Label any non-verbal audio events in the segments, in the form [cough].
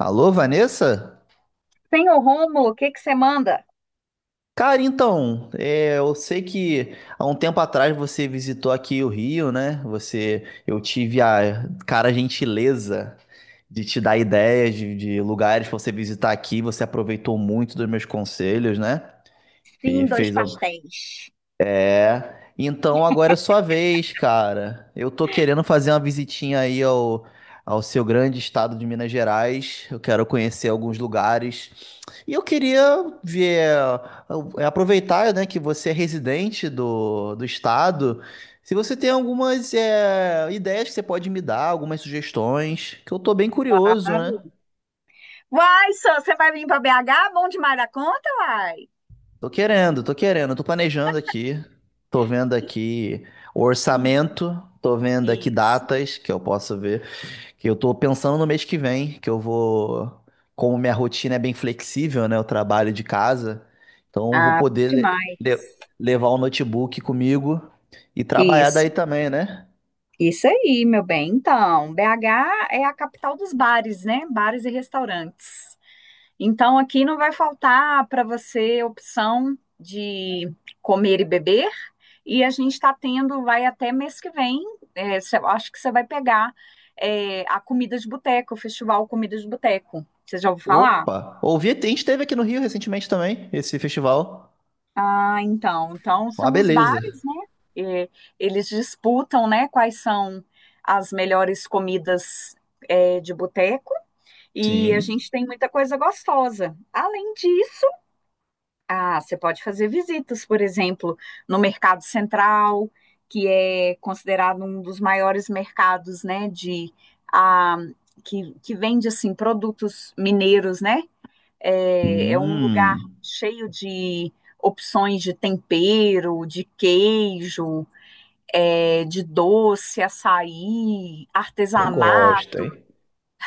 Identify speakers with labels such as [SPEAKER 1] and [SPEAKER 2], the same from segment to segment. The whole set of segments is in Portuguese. [SPEAKER 1] Alô, Vanessa?
[SPEAKER 2] Senhor Rômulo, o que que você manda?
[SPEAKER 1] Cara, então, eu sei que há um tempo atrás você visitou aqui o Rio, né? Eu tive a cara gentileza de te dar ideias de lugares pra você visitar aqui. Você aproveitou muito dos meus conselhos, né?
[SPEAKER 2] Sim,
[SPEAKER 1] E
[SPEAKER 2] dois
[SPEAKER 1] fez. al-
[SPEAKER 2] pastéis.
[SPEAKER 1] É. Então agora é sua vez, cara. Eu tô querendo fazer uma visitinha aí ao seu grande estado de Minas Gerais. Eu quero conhecer alguns lugares. E eu queria ver, aproveitar, né, que você é residente do estado, se você tem algumas ideias que você pode me dar, algumas sugestões, que eu tô bem curioso, né?
[SPEAKER 2] Claro. Vai, só, você vai vir para BH? Bom demais da conta, vai.
[SPEAKER 1] Tô querendo, tô querendo, tô planejando aqui, tô vendo aqui o
[SPEAKER 2] Hum.
[SPEAKER 1] orçamento, tô vendo aqui
[SPEAKER 2] Isso.
[SPEAKER 1] datas que eu posso ver. Que eu tô pensando no mês que vem, que eu vou. Como minha rotina é bem flexível, né? Eu trabalho de casa, então eu vou
[SPEAKER 2] Ah, bom
[SPEAKER 1] poder
[SPEAKER 2] demais.
[SPEAKER 1] levar o notebook comigo e trabalhar daí
[SPEAKER 2] Isso.
[SPEAKER 1] também, né?
[SPEAKER 2] Isso aí, meu bem. Então, BH é a capital dos bares, né? Bares e restaurantes. Então, aqui não vai faltar para você opção de comer e beber. E a gente está tendo, vai até mês que vem, eu acho que você vai pegar a Comida de Boteco, o Festival Comida de Boteco. Você já ouviu falar?
[SPEAKER 1] Opa! Ouvi, a gente teve aqui no Rio recentemente também, esse festival.
[SPEAKER 2] Ah, então. Então,
[SPEAKER 1] Uma
[SPEAKER 2] são os
[SPEAKER 1] beleza.
[SPEAKER 2] bares, né? É, eles disputam, né, quais são as melhores comidas de boteco. E a
[SPEAKER 1] Sim.
[SPEAKER 2] gente tem muita coisa gostosa. Além disso, ah, você pode fazer visitas, por exemplo, no Mercado Central, que é considerado um dos maiores mercados, né, de ah, que vende assim produtos mineiros, né? É, é um lugar
[SPEAKER 1] Hum,
[SPEAKER 2] cheio de opções de tempero, de queijo, de doce, açaí,
[SPEAKER 1] eu gosto,
[SPEAKER 2] artesanato.
[SPEAKER 1] hein?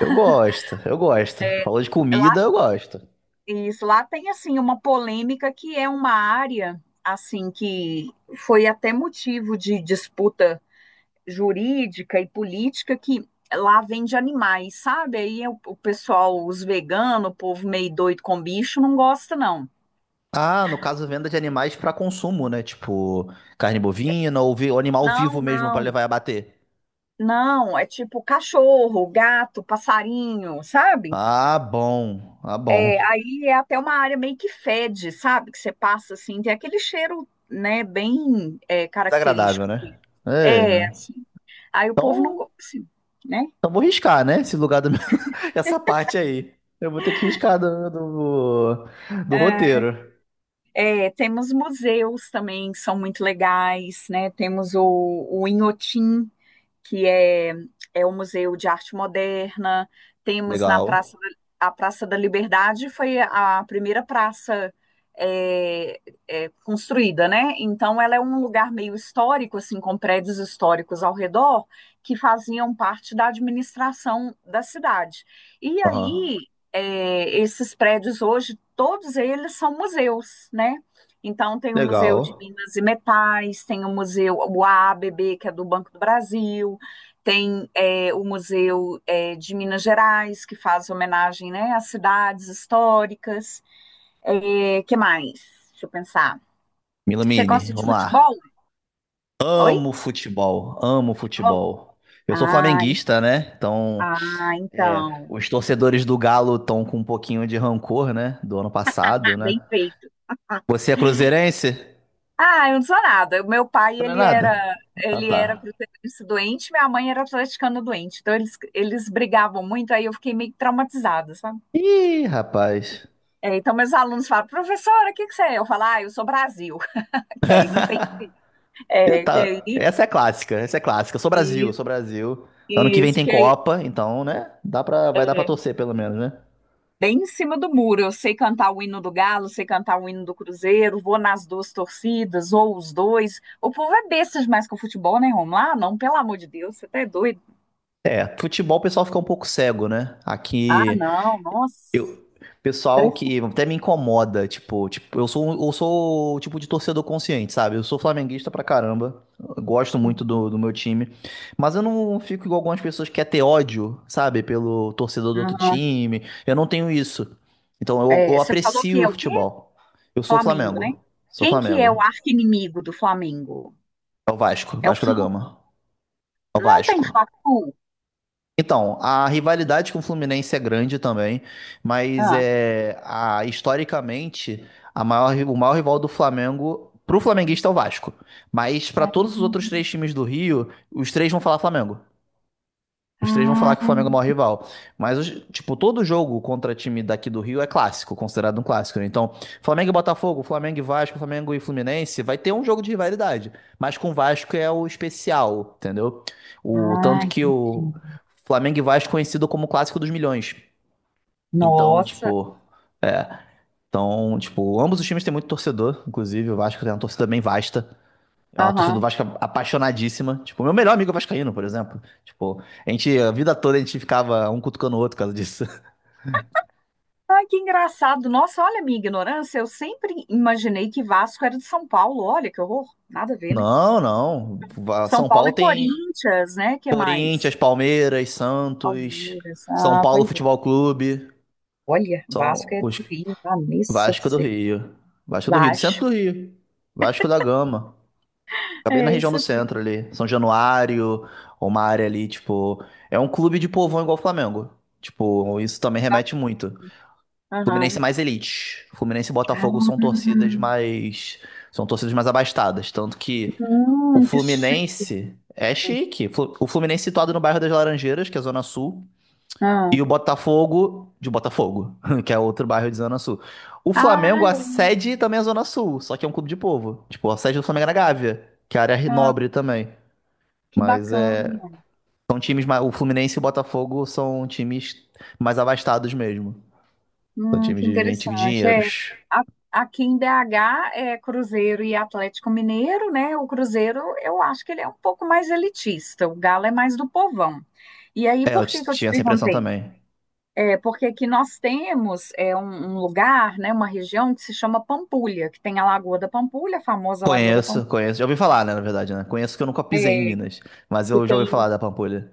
[SPEAKER 1] Eu gosto, eu gosto. Falou de comida, eu gosto.
[SPEAKER 2] Isso, lá tem assim uma polêmica que é uma área assim que foi até motivo de disputa jurídica e política que lá vende animais, sabe? Aí o pessoal, os veganos, o povo meio doido com bicho, não gosta, não.
[SPEAKER 1] Ah, no caso, venda de animais para consumo, né? Tipo, carne bovina ou animal
[SPEAKER 2] Não,
[SPEAKER 1] vivo mesmo para
[SPEAKER 2] não,
[SPEAKER 1] levar e abater.
[SPEAKER 2] não, é tipo cachorro, gato, passarinho, sabe?
[SPEAKER 1] Ah, bom. Ah, bom.
[SPEAKER 2] É, aí é até uma área meio que fede, sabe? Que você passa assim, tem aquele cheiro, né, bem característico.
[SPEAKER 1] Desagradável, né? É,
[SPEAKER 2] É,
[SPEAKER 1] né?
[SPEAKER 2] assim, aí o povo não
[SPEAKER 1] Então,
[SPEAKER 2] gosta, assim, né?
[SPEAKER 1] vou riscar, né? Esse lugar do meu... [laughs] Essa parte aí. Eu vou ter que riscar do
[SPEAKER 2] É,
[SPEAKER 1] roteiro.
[SPEAKER 2] é, temos museus também, que são muito legais, né? Temos o Inhotim, que é o Museu de Arte Moderna. Temos na
[SPEAKER 1] Legal.
[SPEAKER 2] Praça da Liberdade, foi a primeira praça é, construída, né? Então, ela é um lugar meio histórico, assim, com prédios históricos ao redor, que faziam parte da administração da cidade. E
[SPEAKER 1] Aham.
[SPEAKER 2] aí, esses prédios hoje, todos eles são museus, né? Então, tem o Museu de
[SPEAKER 1] Legal.
[SPEAKER 2] Minas e Metais, tem o Museu, o A B B, que é do Banco do Brasil, tem o Museu de Minas Gerais, que faz homenagem, né, às cidades históricas. É, que mais? Deixa eu pensar. Você gosta
[SPEAKER 1] Milamine,
[SPEAKER 2] de
[SPEAKER 1] vamos
[SPEAKER 2] futebol?
[SPEAKER 1] lá.
[SPEAKER 2] Oi?
[SPEAKER 1] Amo futebol. Amo
[SPEAKER 2] Futebol?
[SPEAKER 1] futebol. Eu sou
[SPEAKER 2] Ah,
[SPEAKER 1] flamenguista, né? Então. É,
[SPEAKER 2] então.
[SPEAKER 1] os torcedores do Galo estão com um pouquinho de rancor, né? Do ano
[SPEAKER 2] Ah,
[SPEAKER 1] passado, né?
[SPEAKER 2] bem feito. [laughs]
[SPEAKER 1] Você é cruzeirense?
[SPEAKER 2] Ah, eu não sou nada. O meu pai,
[SPEAKER 1] Não é nada? Ah,
[SPEAKER 2] ele era
[SPEAKER 1] tá.
[SPEAKER 2] cruzeirense doente, minha mãe era atleticana doente. Então, eles brigavam muito, aí eu fiquei meio que traumatizada, sabe?
[SPEAKER 1] Ih,
[SPEAKER 2] E-
[SPEAKER 1] rapaz.
[SPEAKER 2] então, meus alunos falam, professora, o que que você é? Eu falo, ah, eu sou Brasil, [laughs] que aí não tem.
[SPEAKER 1] Ih,
[SPEAKER 2] É, que é
[SPEAKER 1] tá. Essa é clássica, essa é clássica. Eu sou Brasil, eu
[SPEAKER 2] isso,
[SPEAKER 1] sou Brasil. Ano que vem
[SPEAKER 2] isso,
[SPEAKER 1] tem
[SPEAKER 2] que
[SPEAKER 1] Copa, então, né?
[SPEAKER 2] é,
[SPEAKER 1] Vai dar pra
[SPEAKER 2] é,
[SPEAKER 1] torcer, pelo menos, né?
[SPEAKER 2] bem em cima do muro. Eu sei cantar o hino do Galo, sei cantar o hino do Cruzeiro, vou nas duas torcidas, ou os dois. O povo é besta demais com o futebol, né, Romulo? Ah, não, pelo amor de Deus, você tá é doido.
[SPEAKER 1] É, futebol o pessoal fica um pouco cego, né?
[SPEAKER 2] Ah,
[SPEAKER 1] Aqui.
[SPEAKER 2] não, nossa.
[SPEAKER 1] Eu, pessoal que até me incomoda, tipo, eu sou o tipo de torcedor consciente, sabe? Eu sou flamenguista pra caramba, eu gosto muito
[SPEAKER 2] Impressionante.
[SPEAKER 1] do meu time, mas eu não fico igual algumas pessoas que quer ter ódio, sabe? Pelo torcedor do outro
[SPEAKER 2] Aham.
[SPEAKER 1] time, eu não tenho isso. Então eu
[SPEAKER 2] É, você falou que
[SPEAKER 1] aprecio
[SPEAKER 2] é
[SPEAKER 1] o
[SPEAKER 2] o quê?
[SPEAKER 1] futebol. Eu sou
[SPEAKER 2] Flamengo, né?
[SPEAKER 1] Flamengo, sou
[SPEAKER 2] Quem que é o
[SPEAKER 1] Flamengo.
[SPEAKER 2] arqui-inimigo do Flamengo?
[SPEAKER 1] É o Vasco,
[SPEAKER 2] É o
[SPEAKER 1] Vasco da
[SPEAKER 2] Flu.
[SPEAKER 1] Gama. É o
[SPEAKER 2] Não tem
[SPEAKER 1] Vasco.
[SPEAKER 2] Fla-Flu?
[SPEAKER 1] Então, a rivalidade com o Fluminense é grande também, mas
[SPEAKER 2] Ah.
[SPEAKER 1] historicamente a maior, o maior rival do Flamengo pro flamenguista é o Vasco. Mas para todos os outros três times do Rio, os três vão falar Flamengo. Os três vão falar
[SPEAKER 2] Ah,
[SPEAKER 1] que o Flamengo é o maior rival. Mas, tipo, todo jogo contra time daqui do Rio é clássico, considerado um clássico, né? Então, Flamengo e Botafogo, Flamengo e Vasco, Flamengo e Fluminense, vai ter um jogo de rivalidade. Mas com o Vasco é o especial, entendeu? O
[SPEAKER 2] ah,
[SPEAKER 1] tanto que o
[SPEAKER 2] entendi.
[SPEAKER 1] Flamengo e Vasco é conhecido como o clássico dos milhões. Então,
[SPEAKER 2] Nossa.
[SPEAKER 1] tipo, é. Então, tipo, ambos os times têm muito torcedor, inclusive o Vasco tem uma torcida bem vasta. É uma torcida do
[SPEAKER 2] Aham.
[SPEAKER 1] Vasco apaixonadíssima. Tipo, meu melhor amigo é vascaíno, por exemplo. Tipo, a vida toda a gente ficava um cutucando o outro por causa disso. [laughs]
[SPEAKER 2] Ai, que engraçado. Nossa, olha a minha ignorância. Eu sempre imaginei que Vasco era de São Paulo. Olha que horror. Nada a ver, né?
[SPEAKER 1] Não, não.
[SPEAKER 2] São
[SPEAKER 1] São
[SPEAKER 2] Paulo
[SPEAKER 1] Paulo
[SPEAKER 2] é
[SPEAKER 1] tem
[SPEAKER 2] Corinthians, né? Que
[SPEAKER 1] Corinthians,
[SPEAKER 2] mais?
[SPEAKER 1] Palmeiras, Santos,
[SPEAKER 2] Palmeiras.
[SPEAKER 1] São
[SPEAKER 2] Ah,
[SPEAKER 1] Paulo
[SPEAKER 2] pois é.
[SPEAKER 1] Futebol Clube.
[SPEAKER 2] Olha, Vasco
[SPEAKER 1] São
[SPEAKER 2] é
[SPEAKER 1] os
[SPEAKER 2] do Rio. Vanessa do
[SPEAKER 1] Vasco do
[SPEAKER 2] céu.
[SPEAKER 1] Rio. Vasco do Rio, do centro
[SPEAKER 2] Vasco.
[SPEAKER 1] do Rio. Vasco da Gama. Acabei na
[SPEAKER 2] É
[SPEAKER 1] região
[SPEAKER 2] isso
[SPEAKER 1] do
[SPEAKER 2] aí.
[SPEAKER 1] centro ali. São Januário, uma área ali, tipo. É um clube de povão igual o Flamengo. Tipo, isso também
[SPEAKER 2] Que
[SPEAKER 1] remete
[SPEAKER 2] bacana.
[SPEAKER 1] muito. Fluminense é
[SPEAKER 2] Aham.
[SPEAKER 1] mais elite. Fluminense e Botafogo são
[SPEAKER 2] Ah,
[SPEAKER 1] torcidas mais. São torcidas mais abastadas. Tanto que o
[SPEAKER 2] que chique.
[SPEAKER 1] Fluminense é chique. O Fluminense situado no bairro das Laranjeiras, que é a Zona Sul.
[SPEAKER 2] Ah.
[SPEAKER 1] E o Botafogo de Botafogo, [laughs] que é outro bairro de Zona Sul. O Flamengo, a
[SPEAKER 2] Ai,
[SPEAKER 1] sede também é Zona Sul, só que é um clube de povo. Tipo, a sede do Flamengo é na Gávea, que é a área
[SPEAKER 2] ah,
[SPEAKER 1] nobre também.
[SPEAKER 2] que
[SPEAKER 1] Mas
[SPEAKER 2] bacana.
[SPEAKER 1] é. São times mais. O Fluminense e o Botafogo são times mais abastados mesmo. São times
[SPEAKER 2] Que
[SPEAKER 1] de gente de
[SPEAKER 2] interessante. É,
[SPEAKER 1] dinheiros.
[SPEAKER 2] a- aqui em BH é Cruzeiro e Atlético Mineiro, né? O Cruzeiro, eu acho que ele é um pouco mais elitista, o Galo é mais do povão. E aí,
[SPEAKER 1] É, eu
[SPEAKER 2] por que que eu te
[SPEAKER 1] tinha essa impressão
[SPEAKER 2] perguntei?
[SPEAKER 1] também.
[SPEAKER 2] É porque aqui nós temos um lugar, né, uma região que se chama Pampulha, que tem a Lagoa da Pampulha, a famosa Lagoa da
[SPEAKER 1] Conheço,
[SPEAKER 2] Pampulha,
[SPEAKER 1] conheço. Já ouvi falar, né, na verdade, né? Conheço que eu nunca pisei em Minas, mas
[SPEAKER 2] que
[SPEAKER 1] eu já ouvi falar
[SPEAKER 2] tem
[SPEAKER 1] da Pampulha.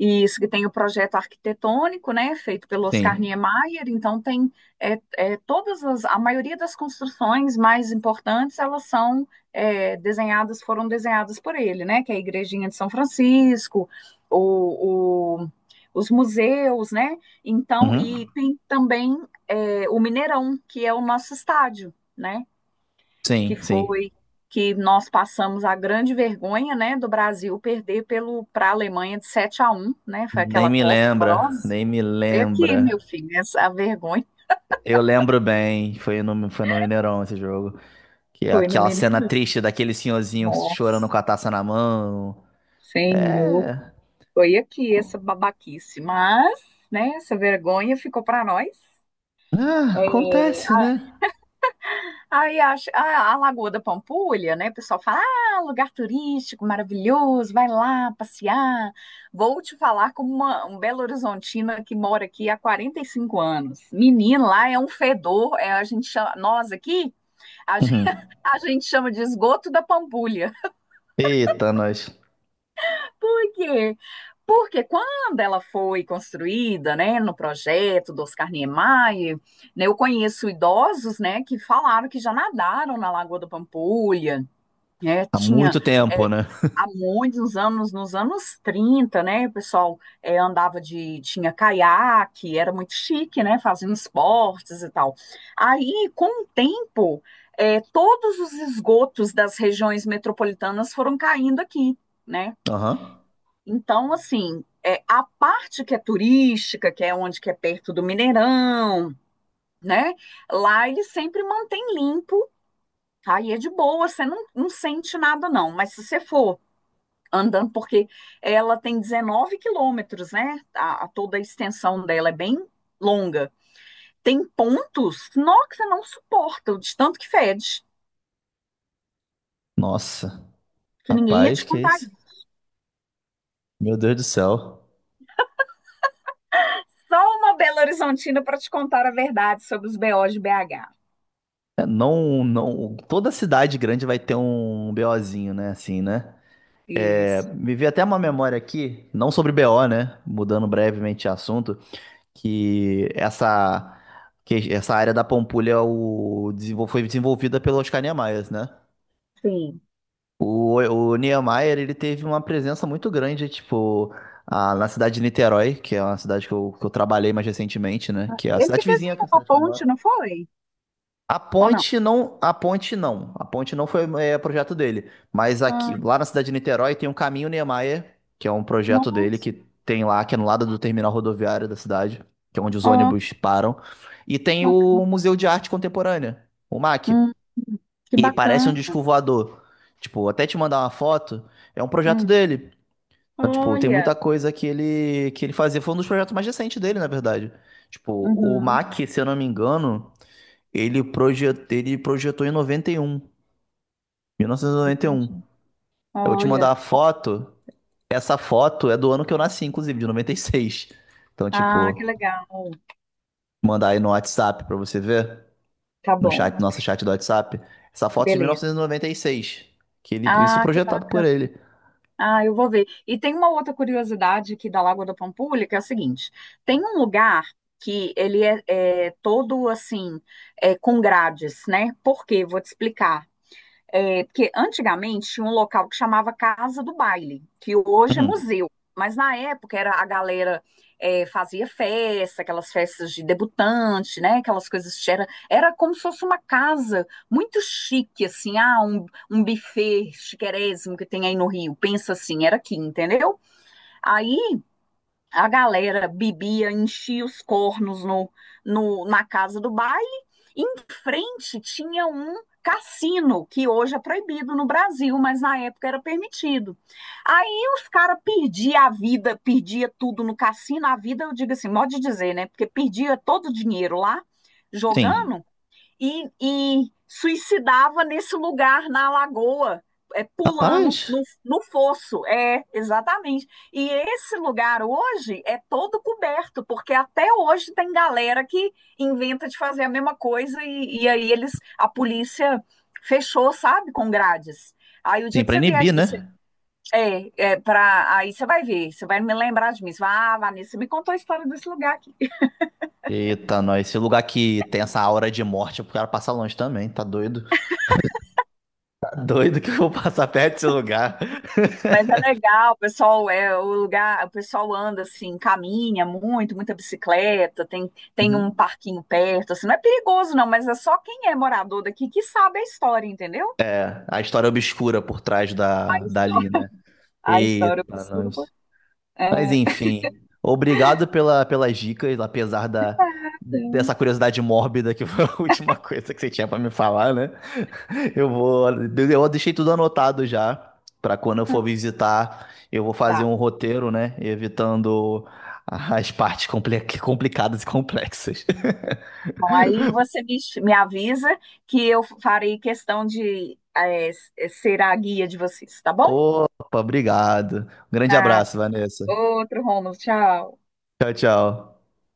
[SPEAKER 2] isso, que tem o projeto arquitetônico, né, feito pelo Oscar
[SPEAKER 1] Sim.
[SPEAKER 2] Niemeyer, então tem a maioria das construções mais importantes, elas foram desenhadas por ele, né, que é a Igrejinha de São Francisco, o, o- os museus, né, então,
[SPEAKER 1] Uhum.
[SPEAKER 2] e tem também o Mineirão, que é o nosso estádio, né, que
[SPEAKER 1] Sim, sim.
[SPEAKER 2] foi que nós passamos a grande vergonha, né, do Brasil perder pelo para a Alemanha de 7-1, né? Foi
[SPEAKER 1] Nem
[SPEAKER 2] aquela
[SPEAKER 1] me
[SPEAKER 2] Copa
[SPEAKER 1] lembra,
[SPEAKER 2] horrorosa.
[SPEAKER 1] nem me
[SPEAKER 2] Foi aqui, meu
[SPEAKER 1] lembra.
[SPEAKER 2] filho, essa a vergonha
[SPEAKER 1] Eu lembro bem, foi no Mineirão esse jogo. Que é
[SPEAKER 2] foi no
[SPEAKER 1] aquela cena
[SPEAKER 2] Mineirão.
[SPEAKER 1] triste daquele senhorzinho chorando
[SPEAKER 2] Nossa,
[SPEAKER 1] com a taça na mão.
[SPEAKER 2] Senhor,
[SPEAKER 1] É.
[SPEAKER 2] foi aqui essa babaquice, mas, né, essa vergonha ficou para nós.
[SPEAKER 1] Ah, acontece,
[SPEAKER 2] É,
[SPEAKER 1] né?
[SPEAKER 2] aí acho, a Lagoa da Pampulha, né? O pessoal fala, ah, lugar turístico maravilhoso, vai lá passear. Vou te falar como um Belo Horizontina que mora aqui há 45 anos. Menino, lá é um fedor, a gente chama, nós aqui, a gente,
[SPEAKER 1] Uhum.
[SPEAKER 2] [laughs] a gente chama de esgoto da Pampulha.
[SPEAKER 1] Eita, nós.
[SPEAKER 2] [laughs] Por quê? Porque quando ela foi construída, né, no projeto do Oscar Niemeyer, né, eu conheço idosos, né, que falaram que já nadaram na Lagoa da Pampulha. É,
[SPEAKER 1] Há
[SPEAKER 2] tinha
[SPEAKER 1] muito
[SPEAKER 2] é,
[SPEAKER 1] tempo, né?
[SPEAKER 2] há muitos anos, nos anos 30, né? O pessoal tinha caiaque, era muito chique, né? Fazendo esportes e tal. Aí, com o tempo, todos os esgotos das regiões metropolitanas foram caindo aqui, né?
[SPEAKER 1] Aham.
[SPEAKER 2] Então, assim, a parte que é turística, que é onde que é perto do Mineirão, né? Lá ele sempre mantém limpo. Aí é de boa, você não sente nada, não. Mas se você for andando, porque ela tem 19 quilômetros, né? A toda a extensão dela é bem longa. Tem pontos nó, que você não suporta, de tanto que fede,
[SPEAKER 1] Nossa.
[SPEAKER 2] que ninguém ia te
[SPEAKER 1] Rapaz, que
[SPEAKER 2] contar
[SPEAKER 1] isso?
[SPEAKER 2] isso.
[SPEAKER 1] Meu Deus do céu.
[SPEAKER 2] Só uma Belo Horizontina para te contar a verdade sobre os BOs de BH.
[SPEAKER 1] É, não, não, toda cidade grande vai ter um BOzinho, né? Assim, né? É,
[SPEAKER 2] Isso.
[SPEAKER 1] me veio até uma memória aqui, não sobre BO, né? Mudando brevemente de assunto, que essa, que essa área da Pampulha foi desenvolvida pelo Oscar Niemeyer, né?
[SPEAKER 2] Sim.
[SPEAKER 1] O Niemeyer, ele teve uma presença muito grande, tipo, na cidade de Niterói, que é uma cidade que eu trabalhei mais recentemente, né? Que é a
[SPEAKER 2] Ele que
[SPEAKER 1] cidade vizinha, que é a
[SPEAKER 2] desenhou a
[SPEAKER 1] cidade que eu moro.
[SPEAKER 2] ponte, não foi?
[SPEAKER 1] A
[SPEAKER 2] Ou não?
[SPEAKER 1] ponte não, a ponte não, a ponte não foi projeto dele, mas aqui
[SPEAKER 2] Ah,
[SPEAKER 1] lá na cidade de Niterói tem um caminho Niemeyer, que é um projeto dele
[SPEAKER 2] nossa,
[SPEAKER 1] que tem lá que é no lado do terminal rodoviário da cidade, que é onde os
[SPEAKER 2] ó, que
[SPEAKER 1] ônibus param, e tem o
[SPEAKER 2] bacana.
[SPEAKER 1] Museu de Arte Contemporânea, o MAC,
[SPEAKER 2] Hum, que
[SPEAKER 1] e parece
[SPEAKER 2] bacana.
[SPEAKER 1] um disco voador. Tipo, até te mandar uma foto, é um projeto
[SPEAKER 2] Hum,
[SPEAKER 1] dele. Então, tipo, tem
[SPEAKER 2] olha.
[SPEAKER 1] muita coisa que ele fazia, foi um dos projetos mais recentes dele, na verdade. Tipo, o
[SPEAKER 2] Uhum,
[SPEAKER 1] MAC, se eu não me engano, ele projetou em noventa noventa e um, mil novecentos e noventa e
[SPEAKER 2] entendi.
[SPEAKER 1] um. Eu vou te
[SPEAKER 2] Olha.
[SPEAKER 1] mandar a foto. Essa foto é do ano que eu nasci, inclusive, de 96. Então,
[SPEAKER 2] Ah, que
[SPEAKER 1] tipo,
[SPEAKER 2] legal.
[SPEAKER 1] mandar aí no WhatsApp pra você ver,
[SPEAKER 2] Tá
[SPEAKER 1] no
[SPEAKER 2] bom.
[SPEAKER 1] chat, nosso chat do WhatsApp. Essa foto é de mil novecentos e
[SPEAKER 2] Beleza.
[SPEAKER 1] e noventa e seis isso
[SPEAKER 2] Ah, que
[SPEAKER 1] projetado por
[SPEAKER 2] bacana.
[SPEAKER 1] ele.
[SPEAKER 2] Ah, eu vou ver. E tem uma outra curiosidade aqui da Lagoa da Pampulha, que é a seguinte: tem um lugar que ele é todo assim, com grades, né? Por quê? Vou te explicar. É, porque antigamente tinha um local que chamava Casa do Baile, que hoje é
[SPEAKER 1] Uhum.
[SPEAKER 2] museu, mas na época era a galera fazia festa, aquelas festas de debutante, né? Aquelas coisas que era como se fosse uma casa muito chique, assim, ah, um buffet chiquérrimo que tem aí no Rio. Pensa assim, era aqui, entendeu? Aí a galera bebia, enchia os cornos no, no, na casa do baile. Em frente tinha um cassino, que hoje é proibido no Brasil, mas na época era permitido. Aí os caras perdiam a vida, perdia tudo no cassino. A vida, eu digo assim, modo de dizer, né? Porque perdia todo o dinheiro lá,
[SPEAKER 1] Sim.
[SPEAKER 2] jogando e suicidava nesse lugar na lagoa,
[SPEAKER 1] Rapaz,
[SPEAKER 2] pulando no fosso. É, exatamente. E esse lugar hoje é todo coberto, porque até hoje tem galera que inventa de fazer a mesma coisa e aí eles, a polícia fechou, sabe, com grades. Aí o
[SPEAKER 1] sim,
[SPEAKER 2] dia que
[SPEAKER 1] pra
[SPEAKER 2] você vier
[SPEAKER 1] inibir,
[SPEAKER 2] aqui, você,
[SPEAKER 1] né?
[SPEAKER 2] aí você vai ver, você vai me lembrar de mim. Você vai, ah, Vanessa, você me contou a história desse lugar.
[SPEAKER 1] Eita, nós, esse lugar que tem essa aura de morte, o cara passa longe também, tá doido? Tá doido que eu vou passar perto desse lugar. [laughs]
[SPEAKER 2] Mas é legal, o pessoal é o lugar, o pessoal anda assim, caminha muito, muita bicicleta, tem um
[SPEAKER 1] Uhum.
[SPEAKER 2] parquinho perto, assim, não é perigoso não, mas é só quem é morador daqui que sabe a história, entendeu?
[SPEAKER 1] É, a história obscura por trás
[SPEAKER 2] A
[SPEAKER 1] dali,
[SPEAKER 2] história,
[SPEAKER 1] né?
[SPEAKER 2] a história
[SPEAKER 1] Eita,
[SPEAKER 2] obscura, pô.
[SPEAKER 1] nós. Mas
[SPEAKER 2] É,
[SPEAKER 1] enfim, obrigado pelas dicas, apesar
[SPEAKER 2] é,
[SPEAKER 1] dessa curiosidade mórbida que foi a [laughs] última coisa que você tinha pra me falar, né? Eu deixei tudo anotado já pra quando eu for visitar, eu vou fazer
[SPEAKER 2] tá.
[SPEAKER 1] um roteiro, né? Evitando as partes complicadas e complexas. [laughs]
[SPEAKER 2] Bom, aí você me avisa que eu farei questão de ser a guia de vocês, tá bom?
[SPEAKER 1] Opa, obrigado. Um grande
[SPEAKER 2] Nada.
[SPEAKER 1] abraço, Vanessa.
[SPEAKER 2] Outro Romulo, tchau.
[SPEAKER 1] Tchau, tchau.